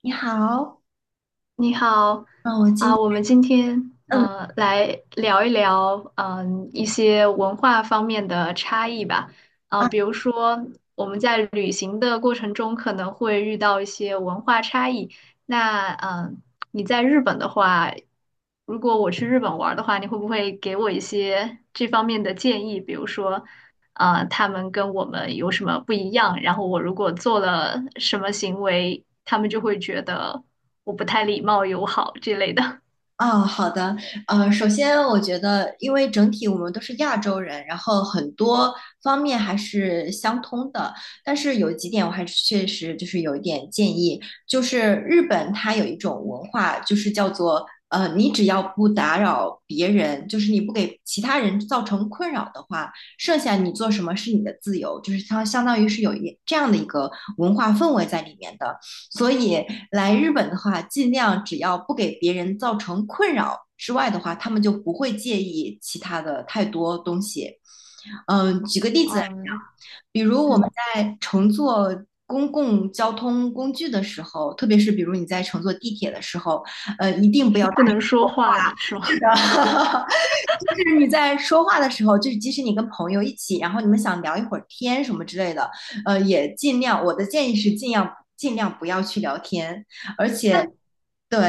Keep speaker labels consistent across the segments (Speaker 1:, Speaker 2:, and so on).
Speaker 1: 你好。
Speaker 2: 你好。
Speaker 1: 嗯，我今
Speaker 2: 我
Speaker 1: 天
Speaker 2: 们今天
Speaker 1: 嗯
Speaker 2: 来聊一聊一些文化方面的差异吧。
Speaker 1: 啊。
Speaker 2: 比如说我们在旅行的过程中可能会遇到一些文化差异。那你在日本的话，如果我去日本玩儿的话，你会不会给我一些这方面的建议？比如说他们跟我们有什么不一样，然后我如果做了什么行为，他们就会觉得我不太礼貌友好之类的。
Speaker 1: 哦，好的。首先我觉得，因为整体我们都是亚洲人，然后很多方面还是相通的，但是有几点我还是确实就是有一点建议，就是日本它有一种文化，就是叫做你只要不打扰别人，就是你不给其他人造成困扰的话，剩下你做什么是你的自由，就是它相当于是这样的一个文化氛围在里面的。所以来日本的话，尽量只要不给别人造成困扰之外的话，他们就不会介意其他的太多东西。嗯，举个 例子来讲，
Speaker 2: 嗯。
Speaker 1: 比如我们
Speaker 2: 嗯，
Speaker 1: 在乘坐公共交通工具的时候，特别是比如你在乘坐地铁的时候，一定不要
Speaker 2: 是
Speaker 1: 打
Speaker 2: 不能说话是
Speaker 1: 是
Speaker 2: 吗？
Speaker 1: 的，就是你在说话的时候，就是即使你跟朋友一起，然后你们想聊一会儿天什么之类的，也尽量，我的建议是尽量尽量不要去聊天，而 且
Speaker 2: 那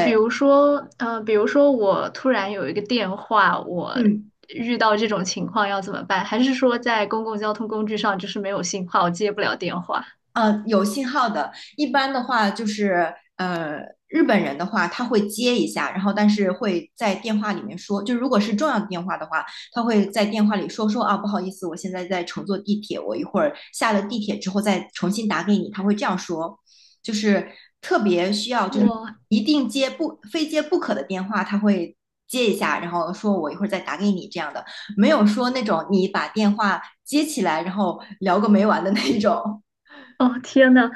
Speaker 2: 比如说，比如说我突然有一个电话，
Speaker 1: 嗯。
Speaker 2: 遇到这种情况要怎么办？还是说在公共交通工具上就是没有信号，接不了电话？
Speaker 1: 有信号的，一般的话就是日本人的话他会接一下，然后但是会在电话里面说，就如果是重要的电话的话，他会在电话里说啊，不好意思，我现在在乘坐地铁，我一会儿下了地铁之后再重新打给你，他会这样说，就是特别需要就是
Speaker 2: 我
Speaker 1: 一定接不非接不可的电话，他会。接一下，然后说我一会儿再打给你这样的，没有说那种你把电话接起来，然后聊个没完的那种。
Speaker 2: 哦，天呐，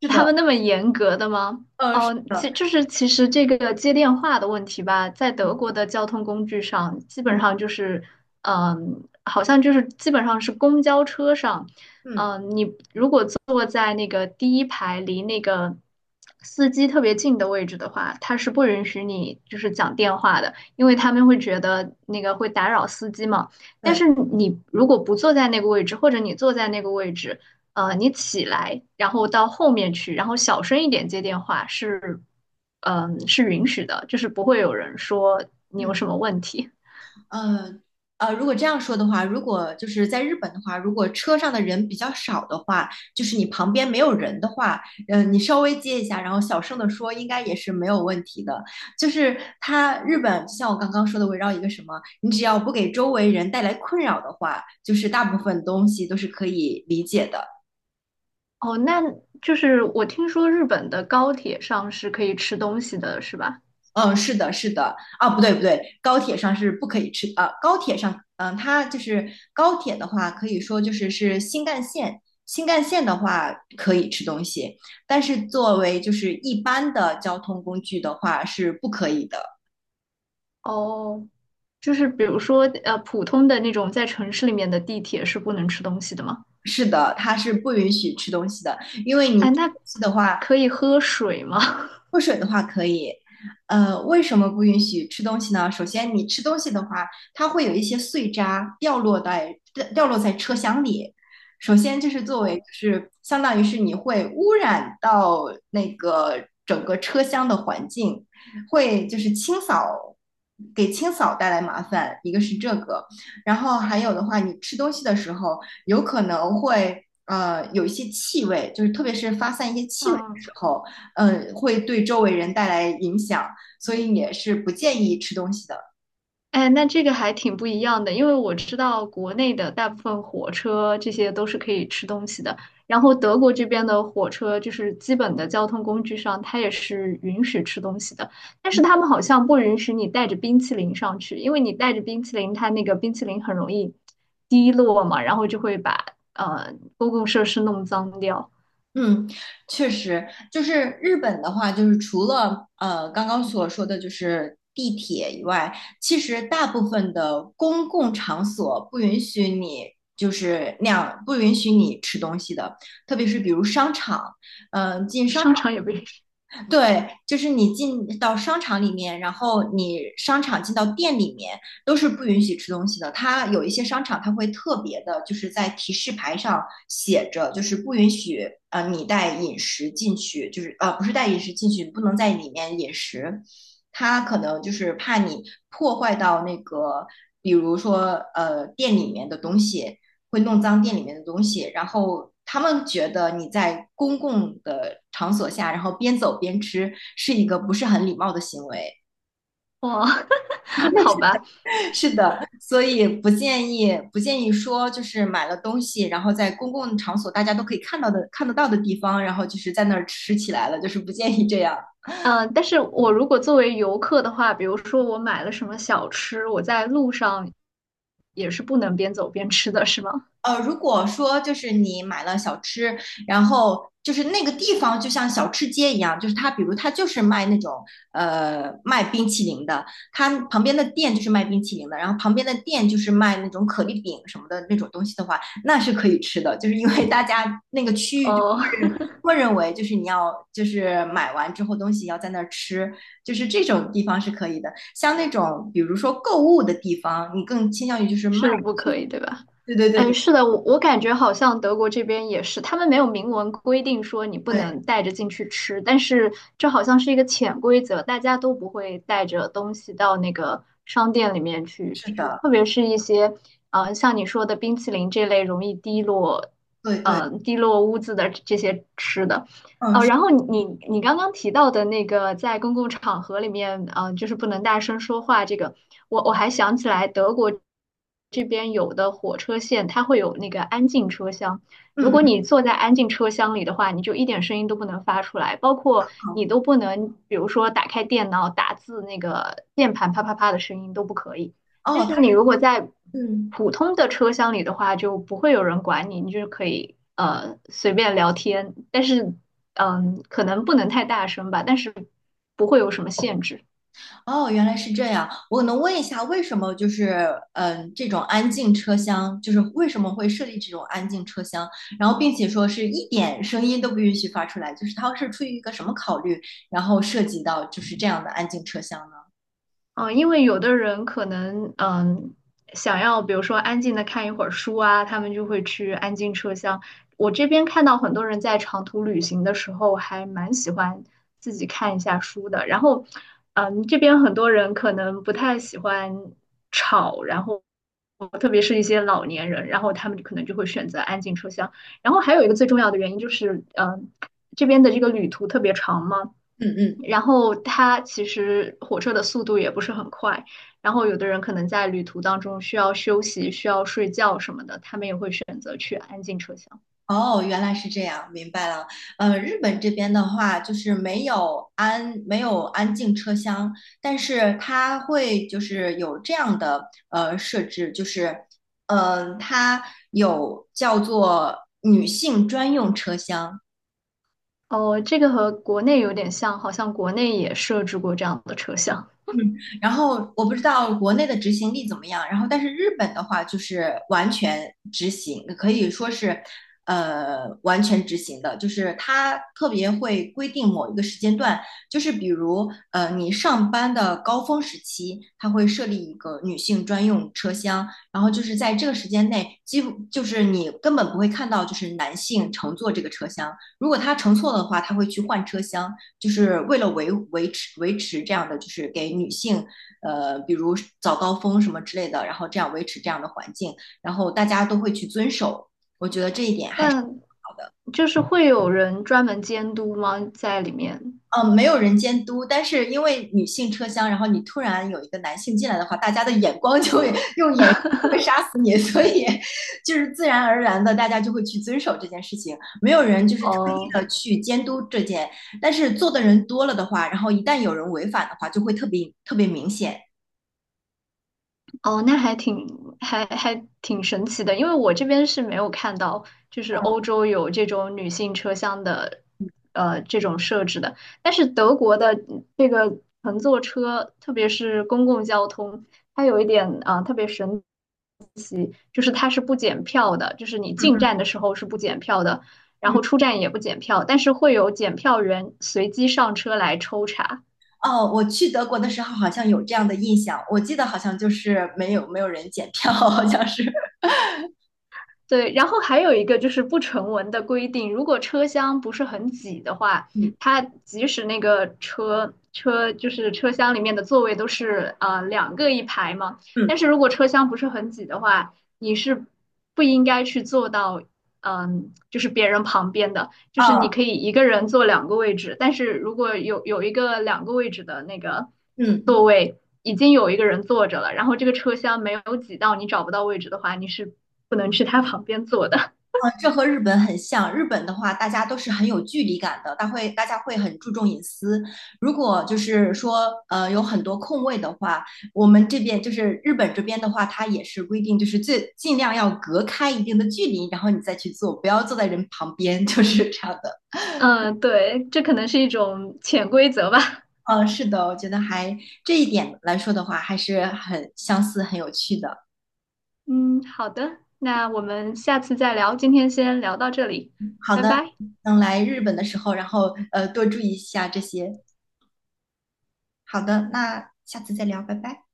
Speaker 1: 是
Speaker 2: 他
Speaker 1: 的。
Speaker 2: 们那么严格的吗？
Speaker 1: 是
Speaker 2: 哦，
Speaker 1: 的。
Speaker 2: 其就是其实这个接电话的问题吧，在德国的交通工具上，基本
Speaker 1: 嗯
Speaker 2: 上就是，嗯，好像就是基本上是公交车上。
Speaker 1: 嗯。
Speaker 2: 嗯，你如果坐在那个第一排离那个司机特别近的位置的话，他是不允许你就是讲电话的，因为他们会觉得那个会打扰司机嘛。但
Speaker 1: 对。
Speaker 2: 是你如果不坐在那个位置，或者你坐在那个位置。呃，你起来，然后到后面去，然后小声一点接电话是，嗯，是允许的，就是不会有人说你
Speaker 1: 嗯
Speaker 2: 有什么问题。
Speaker 1: 呃如果这样说的话，如果就是在日本的话，如果车上的人比较少的话，就是你旁边没有人的话，你稍微接一下，然后小声的说，应该也是没有问题的。就是它日本，就像我刚刚说的，围绕一个什么，你只要不给周围人带来困扰的话，就是大部分东西都是可以理解的。
Speaker 2: 哦，那就是我听说日本的高铁上是可以吃东西的，是吧？
Speaker 1: 嗯，是的，是的，啊，不对，不对，高铁上是不可以吃啊。高铁上，嗯，它就是高铁的话，可以说就是是新干线，新干线的话可以吃东西，但是作为就是一般的交通工具的话是不可以的。
Speaker 2: 哦，就是比如说普通的那种在城市里面的地铁是不能吃东西的吗？
Speaker 1: 是的，它是不允许吃东西的，因为你吃
Speaker 2: 哎，那
Speaker 1: 东西的话，
Speaker 2: 可以喝水吗？
Speaker 1: 喝水的话可以。为什么不允许吃东西呢？首先，你吃东西的话，它会有一些碎渣掉落在车厢里。首先，就是 作为就
Speaker 2: 哦。
Speaker 1: 是相当于是你会污染到那个整个车厢的环境，会就是清扫给清扫带来麻烦，一个是这个，然后还有的话，你吃东西的时候有可能会有一些气味，就是特别是发散一些气味的时
Speaker 2: 嗯。
Speaker 1: 候。嗯，会对周围人带来影响，所以也是不建议吃东西的。
Speaker 2: 哎，那这个还挺不一样的，因为我知道国内的大部分火车这些都是可以吃东西的，然后德国这边的火车就是基本的交通工具上，它也是允许吃东西的，但
Speaker 1: 嗯。
Speaker 2: 是他们好像不允许你带着冰淇淋上去，因为你带着冰淇淋，它那个冰淇淋很容易滴落嘛，然后就会把公共设施弄脏掉。
Speaker 1: 嗯，确实。就是日本的话，就是除了刚刚所说的就是地铁以外，其实大部分的公共场所不允许你就是那样，不允许你吃东西的，特别是比如商场，嗯、进商
Speaker 2: 商场也不允许。
Speaker 1: 对，就是你进到商场里面，然后你商场进到店里面都是不允许吃东西的。它有一些商场，它会特别的，就是在提示牌上写着，就是不允许你带饮食进去，就是不是带饮食进去，不能在里面饮食。它可能就是怕你破坏到那个，比如说店里面的东西，会弄脏店里面的东西，然后他们觉得你在公共的场所下，然后边走边吃是一个不是很礼貌的行为。
Speaker 2: 哇，好吧。
Speaker 1: 是的，所以不建议说就是买了东西，然后在公共场所大家都可以看得到的地方，然后就是在那儿吃起来了，就是不建议这样。
Speaker 2: 嗯，但是我如果作为游客的话，比如说我买了什么小吃，我在路上也是不能边走边吃的，是吗？
Speaker 1: 如果说就是你买了小吃，然后就是那个地方就像小吃街一样，就是它，比如它就是卖那种卖冰淇淋的，它旁边的店就是卖冰淇淋的，然后旁边的店就是卖那种可丽饼什么的那种东西的话，那是可以吃的，就是因为大家那个区域就
Speaker 2: 哦，
Speaker 1: 默认为就是你要就是买完之后东西要在那儿吃，就是这种地方是可以的。像那种比如说购物的地方，你更倾向于就是卖，
Speaker 2: 是不可以，对吧？
Speaker 1: 对对对
Speaker 2: 哎，
Speaker 1: 对。
Speaker 2: 是的，我感觉好像德国这边也是，他们没有明文规定说你不
Speaker 1: 对
Speaker 2: 能带着进去吃，但是这好像是一个潜规则，大家都不会带着东西到那个商店里面去
Speaker 1: 是
Speaker 2: 吃，
Speaker 1: 的，
Speaker 2: 特别是一些，呃，像你说的冰淇淋这类容易滴落，
Speaker 1: 对对。
Speaker 2: 呃，滴落污渍的这些吃的。
Speaker 1: 嗯
Speaker 2: 哦，
Speaker 1: 是
Speaker 2: 然后你刚刚提到的那个在公共场合里面，就是不能大声说话，这个我还想起来，德国这边有的火车线它会有那个安静车厢，如
Speaker 1: 嗯
Speaker 2: 果
Speaker 1: 嗯。
Speaker 2: 你坐在安静车厢里的话，你就一点声音都不能发出来，包括
Speaker 1: 好。
Speaker 2: 你都不能，比如说打开电脑打字那个键盘啪啪啪的声音都不可以。但
Speaker 1: 哦，
Speaker 2: 是
Speaker 1: 他
Speaker 2: 你如果在
Speaker 1: 嗯。
Speaker 2: 普通的车厢里的话，就不会有人管你，你就是可以随便聊天，但是嗯，可能不能太大声吧，但是不会有什么限制。
Speaker 1: 哦，原来是这样。我能问一下，为什么就是这种安静车厢，就是为什么会设立这种安静车厢？然后，并且说是一点声音都不允许发出来，就是它是出于一个什么考虑，然后涉及到就是这样的安静车厢呢？
Speaker 2: 嗯，因为有的人可能想要，比如说安静的看一会儿书啊，他们就会去安静车厢。我这边看到很多人在长途旅行的时候还蛮喜欢自己看一下书的，然后嗯，这边很多人可能不太喜欢吵，然后特别是一些老年人，然后他们可能就会选择安静车厢。然后还有一个最重要的原因就是，这边的这个旅途特别长嘛，
Speaker 1: 嗯嗯。
Speaker 2: 然后它其实火车的速度也不是很快，然后有的人可能在旅途当中需要休息、需要睡觉什么的，他们也会选择去安静车厢。
Speaker 1: 哦，原来是这样，明白了。日本这边的话，就是没有安静车厢，但是它会就是有这样的设置，就是它有叫做女性专用车厢。
Speaker 2: 哦，这个和国内有点像，好像国内也设置过这样的车厢，
Speaker 1: 嗯。然后我不知道国内的执行力怎么样，然后但是日本的话就是完全执行，可以说是，完全执行的，就是它特别会规定某一个时间段，就是比如你上班的高峰时期，它会设立一个女性专用车厢，然后就是在这个时间内，几乎就是你根本不会看到就是男性乘坐这个车厢，如果他乘错的话，他会去换车厢，就是为了维持这样的，就是给女性，比如早高峰什么之类的，然后这样维持这样的环境，然后大家都会去遵守。我觉得这一点还是
Speaker 2: 但
Speaker 1: 好的。
Speaker 2: 就是会有人专门监督吗？在里面？
Speaker 1: 嗯，没有人监督，但是因为女性车厢，然后你突然有一个男性进来的话，大家的眼光就会用眼神就会 杀死你，所以就是自然而然的，大家就会去遵守这件事情，没有人就是特意
Speaker 2: 哦。
Speaker 1: 的去监督这件，但是做的人多了的话，然后一旦有人违反的话，就会特别特别明显。
Speaker 2: 哦，那还挺还挺神奇的，因为我这边是没有看到，就是欧洲有这种女性车厢的，呃，这种设置的。但是德国的这个乘坐车，特别是公共交通，它有一点特别神，就是它是不检票的，就是你
Speaker 1: 嗯。
Speaker 2: 进
Speaker 1: 嗯
Speaker 2: 站的时候是不检票的，然
Speaker 1: 嗯。
Speaker 2: 后出站也不检票，但是会有检票员随机上车来抽查。
Speaker 1: 哦，我去德国的时候好像有这样的印象，我记得好像就是没有人检票，好像是。
Speaker 2: 对，然后还有一个就是不成文的规定，如果车厢不是很挤的话，
Speaker 1: 嗯
Speaker 2: 它即使那个车就是车厢里面的座位都是两个一排嘛，
Speaker 1: 嗯。
Speaker 2: 但是如果车厢不是很挤的话，你是不应该去坐到就是别人旁边的，就是你
Speaker 1: 哦。
Speaker 2: 可以一个人坐两个位置，但是如果有一个两个位置的那个
Speaker 1: 嗯。
Speaker 2: 已经有一个人坐着了，然后这个车厢没有挤到你找不到位置的话，你是不能去他旁边坐的。
Speaker 1: 啊，这和日本很像。日本的话，大家都是很有距离感的，大家会很注重隐私。如果就是说，有很多空位的话，我们这边就是日本这边的话，它也是规定，就是最尽量要隔开一定的距离，然后你再去做，不要坐在人旁边，就是这样的。
Speaker 2: 嗯，对，这可能是一种潜规则吧。
Speaker 1: 嗯，是的，我觉得还这一点来说的话，还是很相似、很有趣的。
Speaker 2: 嗯，好的，那我们下次再聊，今天先聊到这里，
Speaker 1: 好
Speaker 2: 拜
Speaker 1: 的，
Speaker 2: 拜。
Speaker 1: 等来日本的时候，然后多注意一下这些。好的，那下次再聊，拜拜。